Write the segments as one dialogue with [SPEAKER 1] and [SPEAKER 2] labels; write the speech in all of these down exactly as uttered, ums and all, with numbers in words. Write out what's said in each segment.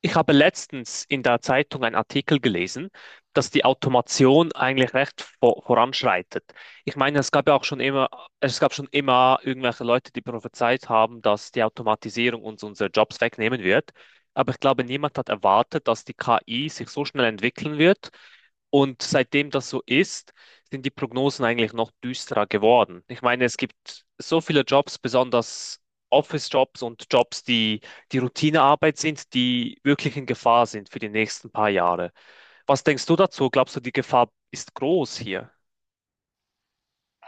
[SPEAKER 1] Ich habe letztens in der Zeitung einen Artikel gelesen, dass die Automation eigentlich recht vo- voranschreitet. Ich meine, es gab ja auch schon immer, es gab schon immer irgendwelche Leute, die prophezeit haben, dass die Automatisierung uns unsere Jobs wegnehmen wird. Aber ich glaube, niemand hat erwartet, dass die K I sich so schnell entwickeln wird. Und seitdem das so ist, sind die Prognosen eigentlich noch düsterer geworden. Ich meine, es gibt so viele Jobs, besonders Office-Jobs und Jobs, die die Routinearbeit sind, die wirklich in Gefahr sind für die nächsten paar Jahre. Was denkst du dazu? Glaubst du, die Gefahr ist groß hier?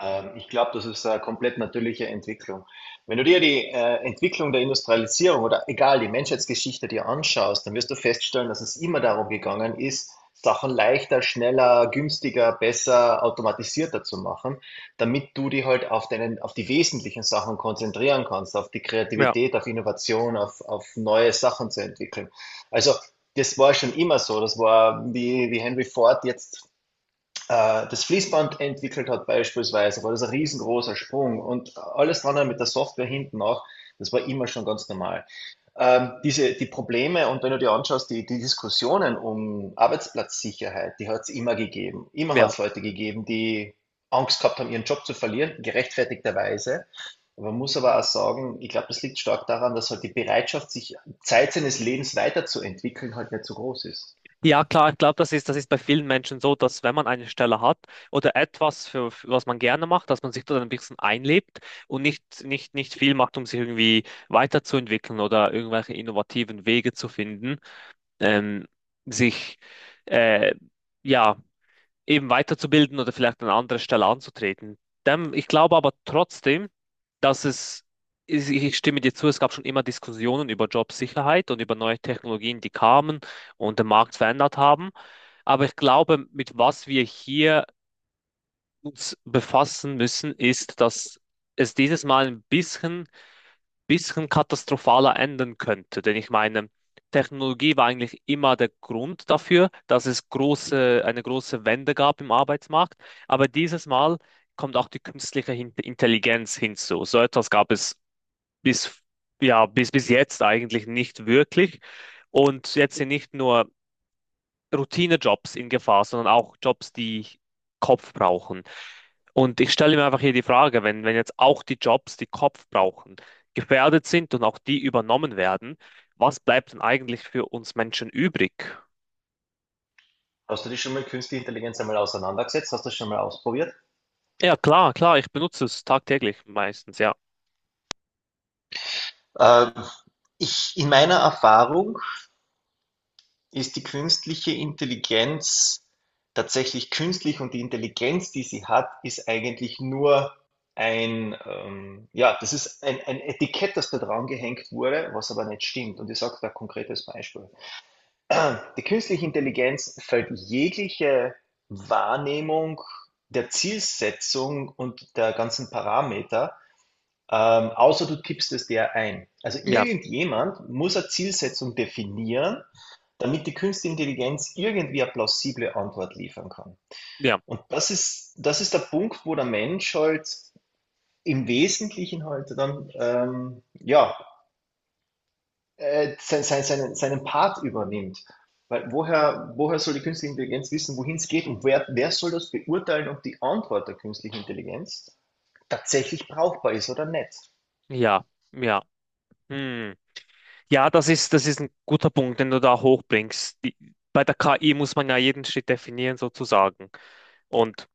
[SPEAKER 2] Ähm, Ich glaube, das ist eine komplett natürliche Entwicklung. Wenn du dir die äh, Entwicklung der Industrialisierung oder egal die Menschheitsgeschichte dir anschaust, dann wirst du feststellen, dass es immer darum gegangen ist, Sachen leichter, schneller, günstiger, besser, automatisierter zu machen, damit du dich halt auf deinen, auf die wesentlichen Sachen konzentrieren kannst, auf die
[SPEAKER 1] Ja,
[SPEAKER 2] Kreativität, auf Innovation, auf, auf neue Sachen zu entwickeln. Also das war schon immer so. Das war, wie, wie Henry Ford jetzt äh, das Fließband entwickelt hat, beispielsweise war das ein riesengroßer Sprung, und alles dran mit der Software hinten auch, das war immer schon ganz normal. Ähm, diese, die Probleme, und wenn du dir anschaust, die, die Diskussionen um Arbeitsplatzsicherheit, die hat es immer gegeben. Immer
[SPEAKER 1] ja.
[SPEAKER 2] hat es Leute gegeben, die Angst gehabt haben, ihren Job zu verlieren, gerechtfertigterweise. Man muss aber auch sagen, ich glaube, das liegt stark daran, dass halt die Bereitschaft, sich Zeit seines Lebens weiterzuentwickeln, halt nicht so groß ist.
[SPEAKER 1] Ja, klar, ich glaube, das ist, das ist bei vielen Menschen so, dass wenn man eine Stelle hat oder etwas, für, für was man gerne macht, dass man sich dort ein bisschen einlebt und nicht, nicht, nicht viel macht, um sich irgendwie weiterzuentwickeln oder irgendwelche innovativen Wege zu finden, ähm, sich äh, ja, eben weiterzubilden oder vielleicht an anderer Stelle anzutreten. Dem, ich glaube aber trotzdem, dass es, ich ich stimme dir zu, es gab schon immer Diskussionen über Jobsicherheit und über neue Technologien, die kamen und den Markt verändert haben. Aber ich glaube, mit was wir hier uns befassen müssen, ist, dass es dieses Mal ein bisschen bisschen katastrophaler enden könnte. Denn ich meine, Technologie war eigentlich immer der Grund dafür, dass es große, eine große Wende gab im Arbeitsmarkt. Aber dieses Mal kommt auch die künstliche Hin- Intelligenz hinzu. So etwas gab es bis, ja, bis, bis jetzt eigentlich nicht wirklich. Und jetzt sind nicht nur Routinejobs in Gefahr, sondern auch Jobs, die Kopf brauchen. Und ich stelle mir einfach hier die Frage, wenn, wenn jetzt auch die Jobs, die Kopf brauchen, gefährdet sind und auch die übernommen werden, was bleibt denn eigentlich für uns Menschen übrig?
[SPEAKER 2] Hast du dich schon mal mit Künstliche Intelligenz einmal auseinandergesetzt? Hast du das schon mal ausprobiert?
[SPEAKER 1] Ja, klar, klar, ich benutze es tagtäglich meistens, ja.
[SPEAKER 2] Ähm, ich, in meiner Erfahrung ist die künstliche Intelligenz tatsächlich künstlich, und die Intelligenz, die sie hat, ist eigentlich nur ein, ähm, ja, das ist ein, ein Etikett, das da dran gehängt wurde, was aber nicht stimmt. Und ich sage da ein konkretes Beispiel. Die künstliche Intelligenz fällt jegliche Wahrnehmung der Zielsetzung und der ganzen Parameter. Ähm, außer du tippst es der ein. Also
[SPEAKER 1] Ja,
[SPEAKER 2] irgendjemand muss eine Zielsetzung definieren, damit die künstliche Intelligenz irgendwie eine plausible Antwort liefern kann.
[SPEAKER 1] ja,
[SPEAKER 2] Und das ist, das ist der Punkt, wo der Mensch halt im Wesentlichen halt dann, ähm, ja, äh, sein, sein, seinen, seinen Part übernimmt. Weil woher, woher soll die künstliche Intelligenz wissen, wohin es geht, und wer, wer soll das beurteilen, ob die Antwort der künstlichen Intelligenz tatsächlich brauchbar ist oder nicht?
[SPEAKER 1] ja, ja. Hm. Ja, das ist, das ist ein guter Punkt, den du da hochbringst. Die, bei der K I muss man ja jeden Schritt definieren, sozusagen. Und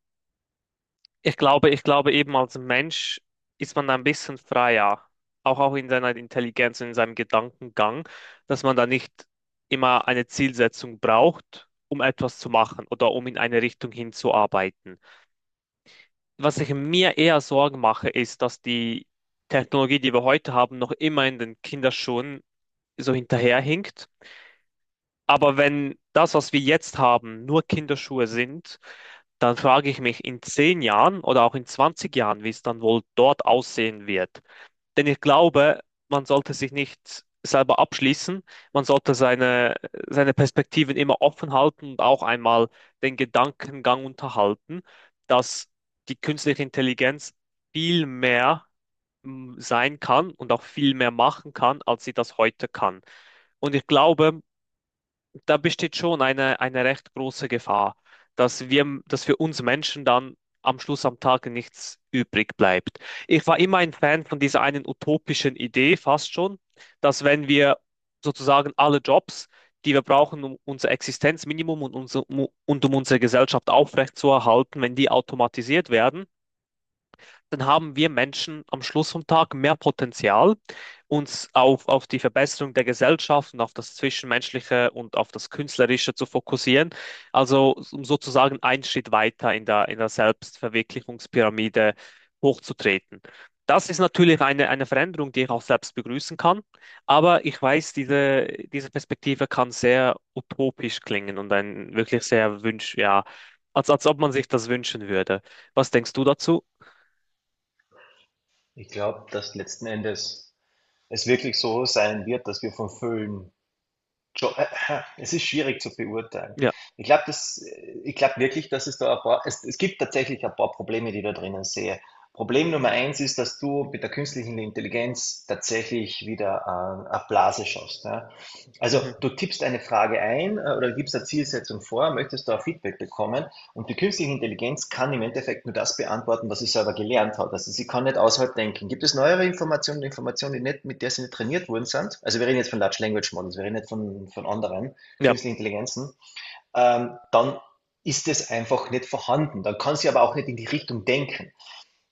[SPEAKER 1] ich glaube, ich glaube eben als Mensch ist man da ein bisschen freier, auch auch in seiner Intelligenz und in seinem Gedankengang, dass man da nicht immer eine Zielsetzung braucht, um etwas zu machen oder um in eine Richtung hinzuarbeiten. Was ich mir eher Sorgen mache, ist, dass die Technologie, die wir heute haben, noch immer in den Kinderschuhen so hinterherhinkt. Aber wenn das, was wir jetzt haben, nur Kinderschuhe sind, dann frage ich mich in zehn Jahren oder auch in zwanzig Jahren, wie es dann wohl dort aussehen wird. Denn ich glaube, man sollte sich nicht selber abschließen, man sollte seine, seine Perspektiven immer offen halten und auch einmal den Gedankengang unterhalten, dass die künstliche Intelligenz viel mehr mm, sein kann und auch viel mehr machen kann, als sie das heute kann. Und ich glaube, da besteht schon eine, eine recht große Gefahr, dass wir, dass für uns Menschen dann am Schluss am Tag nichts übrig bleibt. Ich war immer ein Fan von dieser einen utopischen Idee, fast schon, dass wenn wir sozusagen alle Jobs, die wir brauchen, um unser Existenzminimum und, unser, und um unsere Gesellschaft aufrechtzuerhalten, wenn die automatisiert werden, dann haben wir Menschen am Schluss vom Tag mehr Potenzial, uns auf, auf die Verbesserung der Gesellschaft und auf das Zwischenmenschliche und auf das Künstlerische zu fokussieren. Also um sozusagen einen Schritt weiter in der, in der Selbstverwirklichungspyramide hochzutreten. Das ist natürlich eine, eine Veränderung, die ich auch selbst begrüßen kann, aber ich weiß, diese, diese Perspektive kann sehr utopisch klingen und ein wirklich sehr Wunsch, ja, als, als ob man sich das wünschen würde. Was denkst du dazu?
[SPEAKER 2] Ich glaube, dass letzten Endes es wirklich so sein wird, dass wir vom Film. Jo- Es ist schwierig zu beurteilen.
[SPEAKER 1] Ja.
[SPEAKER 2] Ich glaube, das, ich glaube wirklich, dass es da ein paar, es, es gibt tatsächlich ein paar Probleme, die ich da drinnen sehe. Problem Nummer eins ist, dass du mit der künstlichen Intelligenz tatsächlich wieder äh, eine Blase schaffst. Ja? Also
[SPEAKER 1] Mhm.
[SPEAKER 2] du tippst eine Frage ein, äh, oder gibst eine Zielsetzung vor, möchtest da Feedback bekommen. Und die künstliche Intelligenz kann im Endeffekt nur das beantworten, was sie selber gelernt hat. Also sie kann nicht außerhalb denken. Gibt es neuere Informationen, Informationen, die nicht, mit der sie nicht trainiert worden sind? Also wir reden jetzt von Large Language Models, wir reden nicht von, von anderen
[SPEAKER 1] Ja,
[SPEAKER 2] künstlichen Intelligenzen. Ähm, dann ist es einfach nicht vorhanden. Dann kann sie aber auch nicht in die Richtung denken.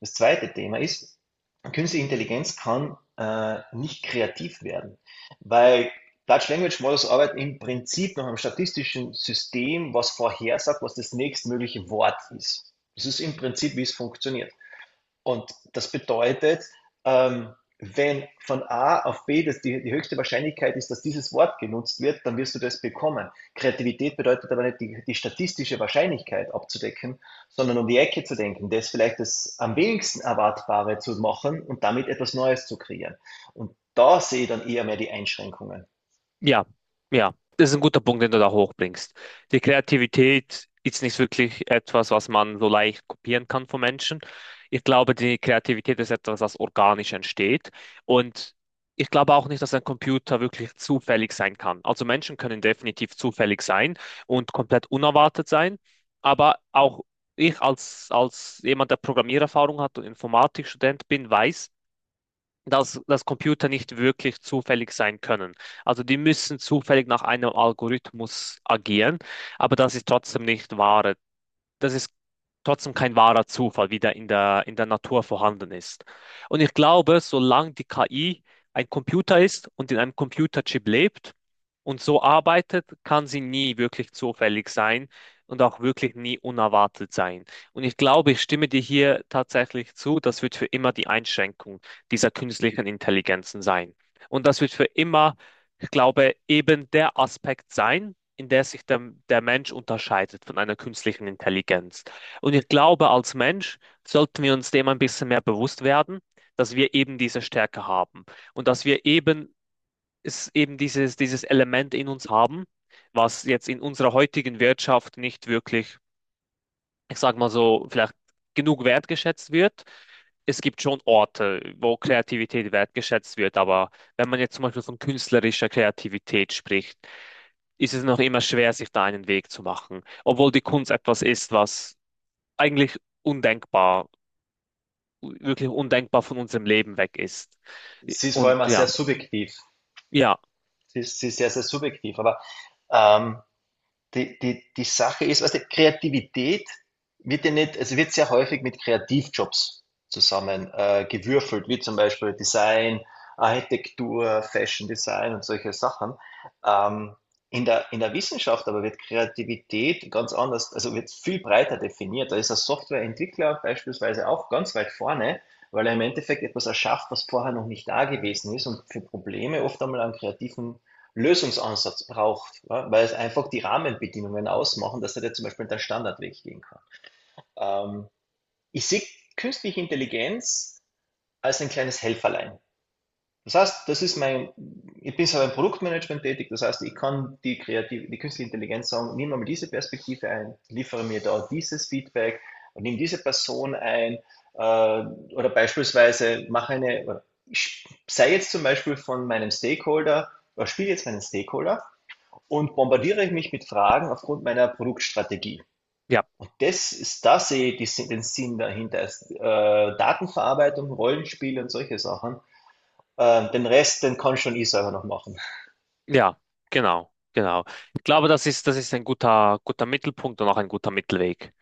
[SPEAKER 2] Das zweite Thema ist, künstliche Intelligenz kann äh, nicht kreativ werden, weil Large Language Models arbeiten im Prinzip nach einem statistischen System was vorhersagt, was das nächstmögliche Wort ist. Das ist im Prinzip, wie es funktioniert. Und das bedeutet, ähm, wenn von A auf B das die, die höchste Wahrscheinlichkeit ist, dass dieses Wort genutzt wird, dann wirst du das bekommen. Kreativität bedeutet aber nicht die, die statistische Wahrscheinlichkeit abzudecken, sondern um die Ecke zu denken, das vielleicht das am wenigsten Erwartbare zu machen und damit etwas Neues zu kreieren. Und da sehe ich dann eher mehr die Einschränkungen.
[SPEAKER 1] ja, ja. Das ist ein guter Punkt, den du da hochbringst. Die Kreativität ist nicht wirklich etwas, was man so leicht kopieren kann von Menschen. Ich glaube, die Kreativität ist etwas, was organisch entsteht. Und ich glaube auch nicht, dass ein Computer wirklich zufällig sein kann. Also Menschen können definitiv zufällig sein und komplett unerwartet sein. Aber auch ich als, als jemand, der Programmiererfahrung hat und Informatikstudent bin, weiß, dass, dass Computer nicht wirklich zufällig sein können. Also die müssen zufällig nach einem Algorithmus agieren, aber das ist trotzdem nicht wahr, dass es trotzdem kein wahrer Zufall wieder in der, in der Natur vorhanden ist. Und ich glaube, solange die K I ein Computer ist und in einem Computerchip lebt und so arbeitet, kann sie nie wirklich zufällig sein und auch wirklich nie unerwartet sein. Und ich glaube, ich stimme dir hier tatsächlich zu, das wird für immer die Einschränkung dieser künstlichen Intelligenzen sein. Und das wird für immer, ich glaube, eben der Aspekt sein, in der sich der, der Mensch unterscheidet von einer künstlichen Intelligenz. Und ich glaube, als Mensch sollten wir uns dem ein bisschen mehr bewusst werden, dass wir eben diese Stärke haben und dass wir eben, es eben dieses, dieses Element in uns haben, was jetzt in unserer heutigen Wirtschaft nicht wirklich, ich sag mal so, vielleicht genug wertgeschätzt wird. Es gibt schon Orte, wo Kreativität wertgeschätzt wird, aber wenn man jetzt zum Beispiel von künstlerischer Kreativität spricht, ist es noch immer schwer, sich da einen Weg zu machen. Obwohl die Kunst etwas ist, was eigentlich undenkbar, wirklich undenkbar von unserem Leben weg ist.
[SPEAKER 2] Sie ist vor
[SPEAKER 1] Und
[SPEAKER 2] allem auch sehr
[SPEAKER 1] ja,
[SPEAKER 2] subjektiv.
[SPEAKER 1] ja,
[SPEAKER 2] Sie ist, sie ist sehr, sehr subjektiv. Aber ähm, die, die, die Sache ist, also Kreativität wird ja nicht, also wird sehr häufig mit Kreativjobs zusammen äh, gewürfelt, wie zum Beispiel Design, Architektur, Fashion Design und solche Sachen. Ähm, in der, in der Wissenschaft aber wird Kreativität ganz anders, also wird viel breiter definiert. Da ist ein Softwareentwickler beispielsweise auch ganz weit vorne, weil er im Endeffekt etwas erschafft, was vorher noch nicht da gewesen ist, und für Probleme oft einmal einen kreativen Lösungsansatz braucht, ja, weil es einfach die Rahmenbedingungen ausmachen, dass er da zum Beispiel den Standardweg gehen kann. Ähm, Ich sehe künstliche Intelligenz als ein kleines Helferlein. Das heißt, das ist mein, ich bin selber im Produktmanagement tätig, das heißt, ich kann die, kreative, die künstliche Intelligenz sagen, nimm mal diese Perspektive ein, liefere mir da dieses Feedback und nimm diese Person ein, äh, oder beispielsweise mache eine, ich sei jetzt zum Beispiel von meinem Stakeholder, oder spiele jetzt meinen Stakeholder und bombardiere mich mit Fragen aufgrund meiner Produktstrategie.
[SPEAKER 1] ja,
[SPEAKER 2] Und das ist, das, sehe ich die, Sin- den Sinn dahinter. Ist, äh, Datenverarbeitung, Rollenspiele und solche Sachen. Äh, den Rest, den kann schon ich selber noch machen.
[SPEAKER 1] ja, genau, genau. Ich glaube, das ist, das ist ein guter, guter Mittelpunkt und auch ein guter Mittelweg.